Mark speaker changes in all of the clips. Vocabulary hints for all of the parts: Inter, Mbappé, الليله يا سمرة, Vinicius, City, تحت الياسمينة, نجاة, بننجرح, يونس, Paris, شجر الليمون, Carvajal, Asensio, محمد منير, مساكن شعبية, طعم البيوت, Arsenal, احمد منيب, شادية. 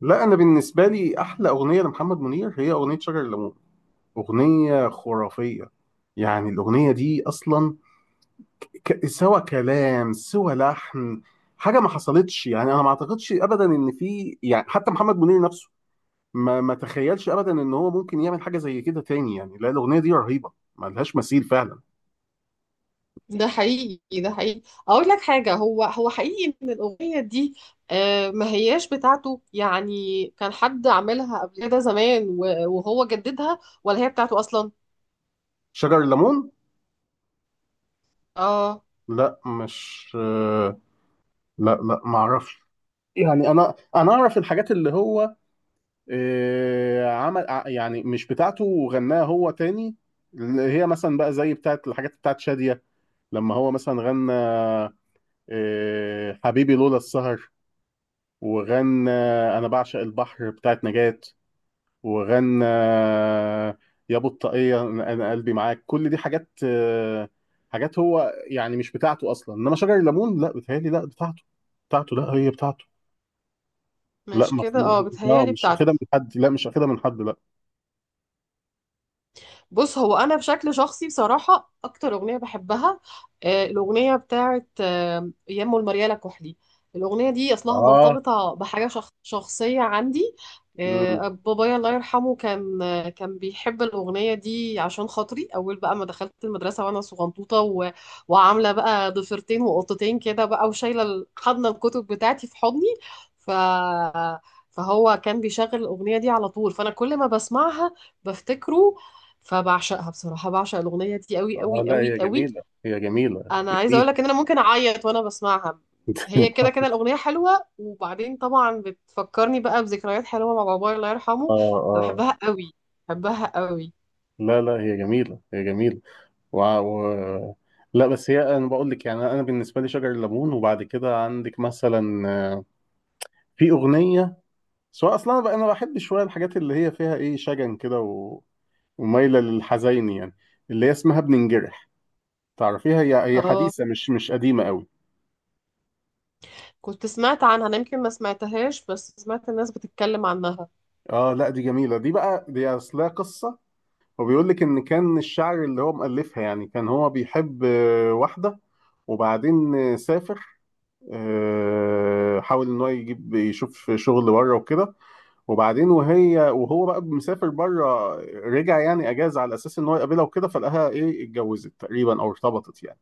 Speaker 1: لا، انا بالنسبه لي احلى اغنيه لمحمد منير هي اغنيه شجر الليمون. اغنيه خرافيه. يعني الاغنيه دي اصلا سوى كلام سوى لحن. حاجه ما حصلتش، يعني انا ما اعتقدش ابدا ان في، يعني حتى محمد منير نفسه ما ما تخيلش ابدا ان هو ممكن يعمل حاجه زي كده تاني. يعني لا، الاغنيه دي رهيبه، ما لهاش مثيل فعلا.
Speaker 2: ده حقيقي، ده حقيقي. اقول لك حاجه، هو حقيقي ان الاغنيه دي، ما هياش بتاعته. يعني كان حد عاملها قبل كده زمان و- وهو جددها، ولا هي بتاعته اصلا؟
Speaker 1: شجر الليمون.
Speaker 2: اه،
Speaker 1: لا، مش لا لا، ما اعرفش. يعني انا اعرف الحاجات اللي هو عمل يعني مش بتاعته وغناها هو تاني، اللي هي مثلا بقى زي بتاعت الحاجات بتاعت شادية. لما هو مثلا غنى حبيبي لولا السهر، وغنى أنا بعشق البحر بتاعت نجاة، وغنى يا أبو الطاقية أنا أنا قلبي معاك. كل دي حاجات، حاجات هو يعني مش بتاعته أصلا. إنما شجر الليمون لا، بتهيألي لا بتاعته. بتاعته، لا هي بتاعته. لا
Speaker 2: مش
Speaker 1: ما.
Speaker 2: كده، اه،
Speaker 1: اه
Speaker 2: بتهيالي
Speaker 1: مش
Speaker 2: بتاعته.
Speaker 1: اخدها من حد، لا مش اخدها من حد لا.
Speaker 2: بص، هو انا بشكل شخصي بصراحه اكتر اغنيه بحبها الاغنيه بتاعت يمو المريالة كحلي. الاغنيه دي اصلها
Speaker 1: اه
Speaker 2: مرتبطه بحاجه شخصيه عندي. بابايا الله يرحمه كان، كان بيحب الاغنيه دي عشان خاطري. اول بقى ما دخلت المدرسه وانا صغنطوطه وعامله بقى ضفيرتين وقطتين كده بقى، وشايله حضن الكتب بتاعتي في حضني، ف فهو كان بيشغل الاغنيه دي على طول، فانا كل ما بسمعها بفتكره. فبعشقها بصراحة، بعشق الأغنية دي قوي
Speaker 1: اه،
Speaker 2: قوي
Speaker 1: لا
Speaker 2: قوي
Speaker 1: هي
Speaker 2: قوي.
Speaker 1: جميلة، هي جميلة.
Speaker 2: أنا عايزة أقول
Speaker 1: جميلة.
Speaker 2: لك إن أنا ممكن أعيط وأنا بسمعها. هي كده كده الأغنية حلوة، وبعدين طبعا بتفكرني بقى بذكريات حلوة مع بابايا الله
Speaker 1: اه
Speaker 2: يرحمه.
Speaker 1: اه،
Speaker 2: فبحبها قوي، بحبها قوي.
Speaker 1: لا لا، هي جميلة، هي جميلة. و... و... لا بس هي، انا بقول لك يعني انا بالنسبة لي شجر الليمون. وبعد كده عندك مثلا في أغنية. سواء اصلا، انا بقى انا بحب شوية الحاجات اللي هي فيها ايه، شجن كده ومايلة للحزين يعني، اللي هي اسمها بننجرح. تعرفيها؟ هي
Speaker 2: اه،
Speaker 1: حديثة، مش قديمة قوي.
Speaker 2: كنت سمعت عنها أنا، يمكن ما سمعتهاش، بس سمعت الناس بتتكلم عنها.
Speaker 1: اه، لا دي جميلة، دي بقى دي اصلها قصة. هو بيقول لك ان كان الشعر اللي هو مؤلفها يعني كان هو بيحب واحده، وبعدين سافر، حاول ان هو يجيب يشوف شغل بره وكده. وبعدين وهي وهو بقى مسافر بره، رجع يعني اجازه على اساس ان هو يقابلها وكده، فلقاها ايه، اتجوزت تقريبا او ارتبطت يعني.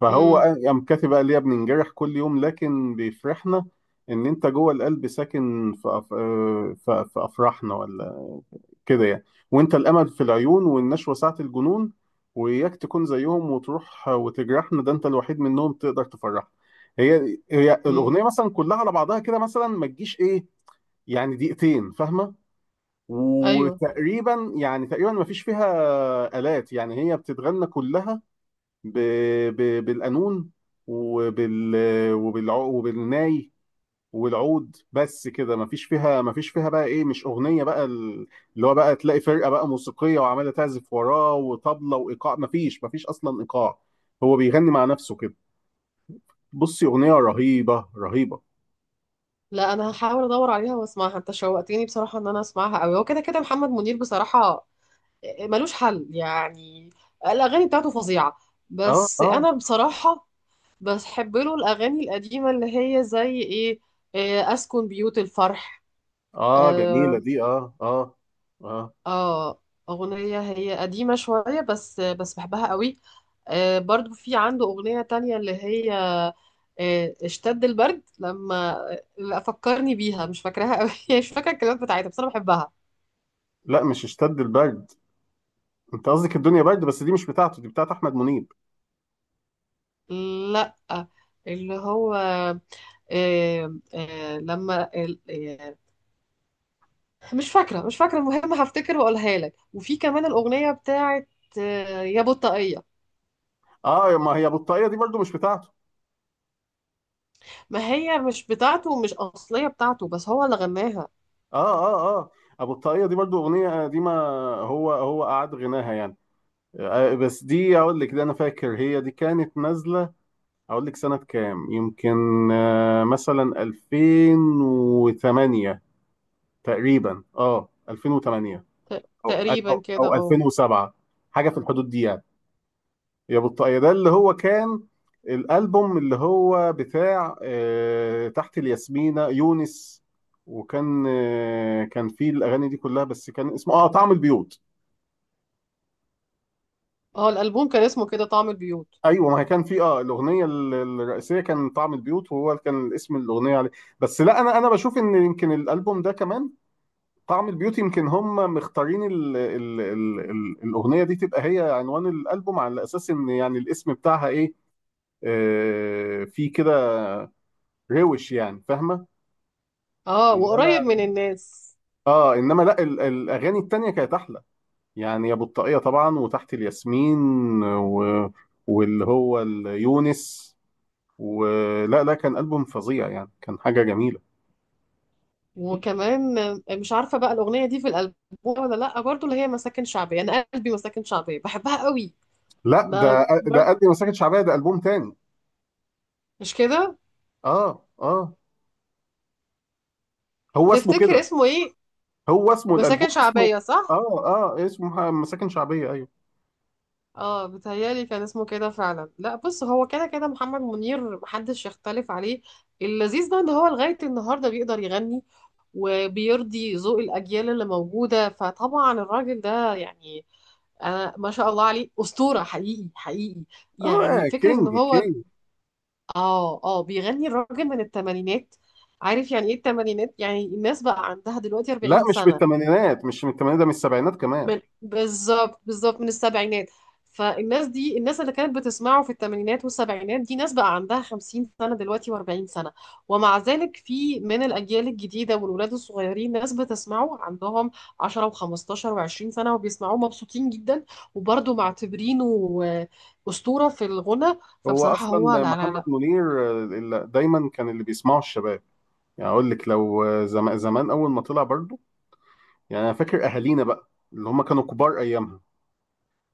Speaker 1: فهو
Speaker 2: امم.
Speaker 1: قام كاتب قال: يا بننجرح كل يوم لكن بيفرحنا، ان انت جوه القلب ساكن في أف... آه، في افراحنا، ولا كده يعني. وانت الامل في العيون، والنشوة ساعة الجنون، واياك تكون زيهم وتروح وتجرحنا، ده انت الوحيد منهم تقدر تفرحنا. هي
Speaker 2: امم.
Speaker 1: الاغنيه مثلا كلها على بعضها كده، مثلا ما تجيش ايه، يعني دقيقتين، فاهمه؟
Speaker 2: أيوه.
Speaker 1: وتقريبا يعني تقريبا ما فيش فيها آلات، يعني هي بتتغنى كلها ب... بالقانون، وبال وبالناي والعود بس كده. مفيش فيها، مفيش فيها بقى ايه، مش اغنيه بقى، اللي هو بقى تلاقي فرقه بقى موسيقيه وعماله تعزف وراه وطبله وايقاع. مفيش اصلا ايقاع، هو بيغني مع نفسه كده. بصي، اغنيه رهيبه رهيبه.
Speaker 2: لا، أنا هحاول أدور عليها وأسمعها. أنت شوقتني بصراحة إن أنا أسمعها قوي. هو كده كده محمد منير بصراحة ملوش حل يعني. الأغاني بتاعته فظيعة.
Speaker 1: اه
Speaker 2: بس
Speaker 1: اه
Speaker 2: أنا بصراحة بحب له الأغاني القديمة اللي هي زي إيه، إيه، أسكن بيوت الفرح.
Speaker 1: اه،
Speaker 2: آه,
Speaker 1: جميله دي، اه اه اه.
Speaker 2: آه. أغنية هي قديمة شوية، بس بحبها قوي. آه، برضو في عنده أغنية تانية اللي هي، آه، اشتد البرد لما. لا، فكرني بيها مش فاكراها قوي. مش فاكرة الكلمات بتاعتها، بس أنا بحبها.
Speaker 1: لا مش اشتد البرد، انت قصدك الدنيا برد، بس دي مش بتاعته، دي بتاعت احمد منيب.
Speaker 2: لا، اللي هو، لما، مش فاكرة، مش فاكرة. المهم هفتكر واقولها لك. وفي كمان الأغنية بتاعت يا بطاقية.
Speaker 1: اه، ما هي بطاقيه دي برضو مش بتاعته.
Speaker 2: ما هي مش بتاعته، ومش أصلية بتاعته، بس هو اللي غناها.
Speaker 1: اه اه اه، ابو الطاقية دي برضو اغنية قديمة، هو قعد غناها يعني. بس دي اقول لك ده، انا فاكر هي دي كانت نازلة. اقول لك سنة كام؟ يمكن مثلا 2008 تقريبا، اه 2008 او
Speaker 2: تقريبا
Speaker 1: او
Speaker 2: كده،
Speaker 1: او
Speaker 2: اه.
Speaker 1: 2007، حاجة في الحدود دي يعني. يا بطاقية ده اللي هو كان الألبوم اللي هو بتاع تحت الياسمينة يونس. وكان كان فيه الأغاني دي كلها، بس كان اسمه اه طعم البيوت.
Speaker 2: اه، الألبوم كان اسمه كده، طعم البيوت.
Speaker 1: ايوه، ما هي كان في اه الاغنيه الرئيسيه كان طعم البيوت، وهو كان اسم الاغنيه عليه. بس لا، انا بشوف ان يمكن الالبوم ده كمان طعم البيوت، يمكن هم مختارين ال الاغنيه دي تبقى هي عنوان الالبوم، على اساس ان يعني الاسم بتاعها ايه، في كده روش، يعني فاهمه.
Speaker 2: اه، وقريب من
Speaker 1: انما
Speaker 2: الناس.
Speaker 1: اه انما لا، الاغاني التانية كانت احلى، يعني يا بطاقية طبعا، وتحت الياسمين و... واللي هو يونس. ولا لا، كان البوم فظيع يعني، كان حاجة جميلة.
Speaker 2: وكمان، آه، مش عارفة بقى الأغنية دي في الألبوم ولا لأ، برضو اللي هي مساكن شعبية. أنا قلبي مساكن شعبية بحبها قوي.
Speaker 1: لا،
Speaker 2: ما
Speaker 1: ده
Speaker 2: برضو
Speaker 1: قلبي مساكن شعبية ده البوم تاني.
Speaker 2: مش كده؟
Speaker 1: اه اه، هو اسمه
Speaker 2: تفتكر
Speaker 1: كده،
Speaker 2: اسمه ايه؟
Speaker 1: هو اسمه الالبوم
Speaker 2: مساكن
Speaker 1: اسمه،
Speaker 2: شعبية، صح.
Speaker 1: اه اه اسمه مساكن شعبية ايوه.
Speaker 2: اه، بتهيألي كان اسمه كده فعلا. لا، بص، هو كده كده محمد منير محدش يختلف عليه. اللذيذ بقى ان هو لغاية النهاردة بيقدر يغني وبيرضي ذوق الأجيال اللي موجودة. فطبعا الراجل ده يعني، أنا ما شاء الله عليه، أسطورة حقيقي حقيقي.
Speaker 1: اه،
Speaker 2: يعني فكرة إن
Speaker 1: كينج
Speaker 2: هو،
Speaker 1: كينج.
Speaker 2: آه، آه، بيغني الراجل من التمانينات. عارف يعني إيه التمانينات؟ يعني الناس بقى عندها دلوقتي
Speaker 1: لا
Speaker 2: 40
Speaker 1: مش
Speaker 2: سنة.
Speaker 1: بالثمانينات، مش من الثمانينات، ده من السبعينات كمان.
Speaker 2: من بالظبط بالظبط من السبعينات. فالناس دي، الناس اللي كانت بتسمعه في الثمانينات والسبعينات، دي ناس بقى عندها 50 سنة دلوقتي و40 سنة. ومع ذلك في من الأجيال الجديدة والولاد الصغيرين ناس بتسمعه عندهم 10 و15 و20 سنة، وبيسمعوه مبسوطين جدا، وبرضه معتبرينه أسطورة في الغنى.
Speaker 1: هو
Speaker 2: فبصراحة هو،
Speaker 1: اصلا
Speaker 2: لا لا
Speaker 1: محمد
Speaker 2: لا.
Speaker 1: منير اللي دايما كان اللي بيسمعه الشباب. يعني اقول لك لو زمان اول ما طلع برضو، يعني انا فاكر اهالينا بقى اللي هم كانوا كبار ايامها،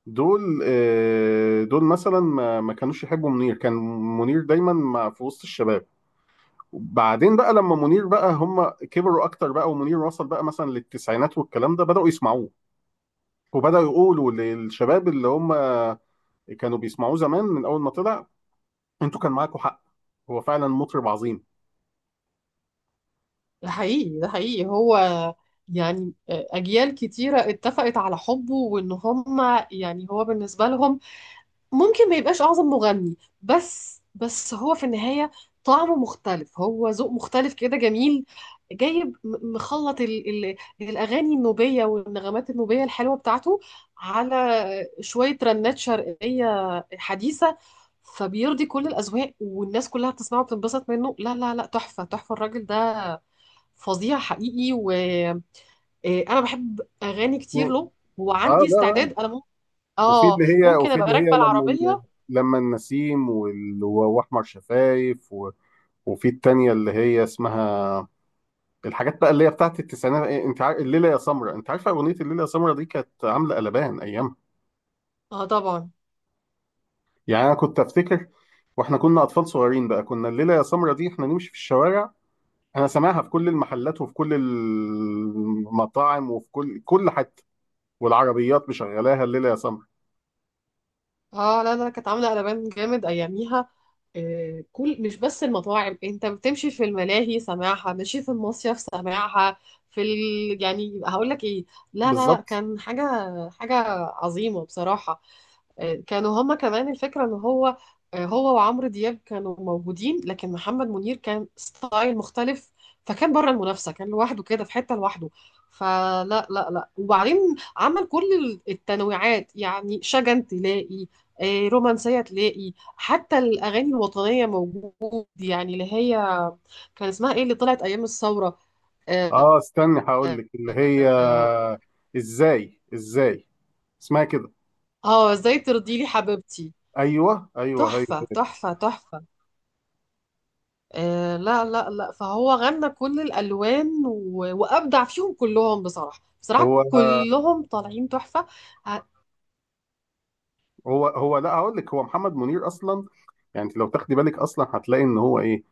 Speaker 1: دول دول مثلا ما ما كانوش يحبوا منير. كان منير دايما في وسط الشباب. وبعدين بقى لما منير بقى هم كبروا اكتر بقى، ومنير وصل بقى مثلا للتسعينات والكلام ده، بدأوا يسمعوه وبدأوا يقولوا للشباب اللي هم كانوا بيسمعوه زمان من اول ما طلع: انتوا كان معاكم حق، هو فعلا مطرب عظيم.
Speaker 2: ده حقيقي، ده حقيقي. هو يعني، آه، أجيال كتيرة اتفقت على حبه. وإن هم يعني، هو بالنسبة لهم ممكن ما يبقاش أعظم مغني، بس بس هو في النهاية طعمه مختلف، هو ذوق مختلف كده جميل. جايب مخلط ال الأغاني النوبية والنغمات النوبية الحلوة بتاعته على شوية رنات شرقية حديثة. فبيرضي كل الأذواق، والناس كلها بتسمعه وبتنبسط منه. لا لا لا، تحفة تحفة الراجل ده، فظيع حقيقي. وأنا بحب أغاني كتير له،
Speaker 1: اه
Speaker 2: وعندي
Speaker 1: لا لا.
Speaker 2: استعداد، أنا ممكن،
Speaker 1: وفي
Speaker 2: آه،
Speaker 1: اللي هي
Speaker 2: ممكن
Speaker 1: وفي
Speaker 2: أبقى
Speaker 1: اللي هي
Speaker 2: راكبة
Speaker 1: لما
Speaker 2: العربية.
Speaker 1: لما النسيم واحمر شفايف وفي التانية اللي هي اسمها، الحاجات بقى اللي هي بتاعت التسعينات إيه، انت عارف الليله يا سمرة؟ انت عارفه اغنيه الليله يا سمرة دي كانت عامله قلبان ايام؟
Speaker 2: اه طبعا.
Speaker 1: يعني انا كنت افتكر، واحنا كنا اطفال صغيرين بقى، كنا الليله يا سمرة دي احنا نمشي في الشوارع انا سامعها في كل المحلات، وفي كل المطاعم، وفي كل حته، والعربيات مشغلاها الليله يا سمرة.
Speaker 2: اه لا لا، كانت عامله قلبان جامد اياميها. آه، كل مش بس المطاعم، انت بتمشي في الملاهي سماعها، ماشي في المصيف سماعها، في ال... يعني هقول لك ايه، لا لا لا،
Speaker 1: بالظبط.
Speaker 2: كان حاجه حاجه عظيمه بصراحه. كانوا هما كمان. الفكرة ان هو، هو وعمرو دياب كانوا موجودين، لكن محمد منير كان ستايل مختلف. فكان بره المنافسة، كان لوحده كده في حتة لوحده. فلا لا لا، وبعدين عمل كل التنويعات. يعني شجن تلاقي، رومانسية تلاقي، حتى الأغاني الوطنية موجود. يعني اللي هي كان اسمها ايه اللي طلعت أيام الثورة؟ اه،
Speaker 1: اه استني هقول
Speaker 2: آه،
Speaker 1: لك اللي هي
Speaker 2: آه،
Speaker 1: ازاي ازاي، اسمها كده.
Speaker 2: ازاي ترضي لي حبيبتي.
Speaker 1: ايوه ايوه
Speaker 2: تحفة
Speaker 1: ايوه.
Speaker 2: تحفة تحفة. آه لا لا لا، فهو غنى كل الألوان، و... وأبدع فيهم كلهم، بصراحة بصراحة
Speaker 1: هو
Speaker 2: كلهم طالعين تحفة. ه-
Speaker 1: هو لا هقول لك، هو محمد منير اصلا، يعني انت لو تاخدي بالك اصلا هتلاقي ان هو ايه،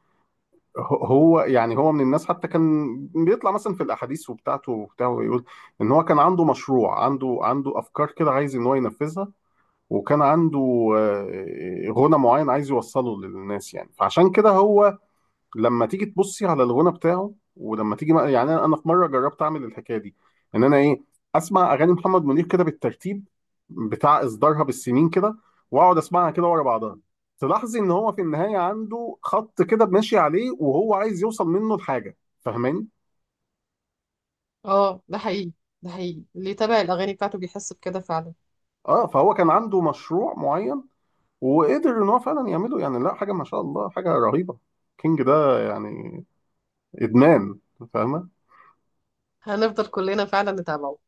Speaker 1: هو يعني هو من الناس حتى كان بيطلع مثلا في الاحاديث وبتاعته وبتاع ويقول ان هو كان عنده مشروع عنده افكار كده عايز ان هو ينفذها. وكان عنده غنى معين عايز يوصله للناس يعني، فعشان كده هو لما تيجي تبصي على الغنى بتاعه، ولما تيجي يعني انا في مره جربت اعمل الحكايه دي، ان انا ايه، اسمع اغاني محمد منير كده بالترتيب بتاع اصدارها بالسنين كده، واقعد اسمعها كده ورا بعضها، تلاحظي ان هو في النهايه عنده خط كده ماشي عليه وهو عايز يوصل منه لحاجه، فاهماني؟
Speaker 2: اه، ده حقيقي ده حقيقي. اللي يتابع الأغاني بتاعته بيحس بكده فعلا.
Speaker 1: اه فهو كان عنده مشروع معين، وقدر ان هو فعلا يعمله يعني. لا حاجه، ما شاء الله، حاجه رهيبه، كينج ده يعني. ادمان، فاهمه؟
Speaker 2: هنفضل كلنا فعلا نتابعه.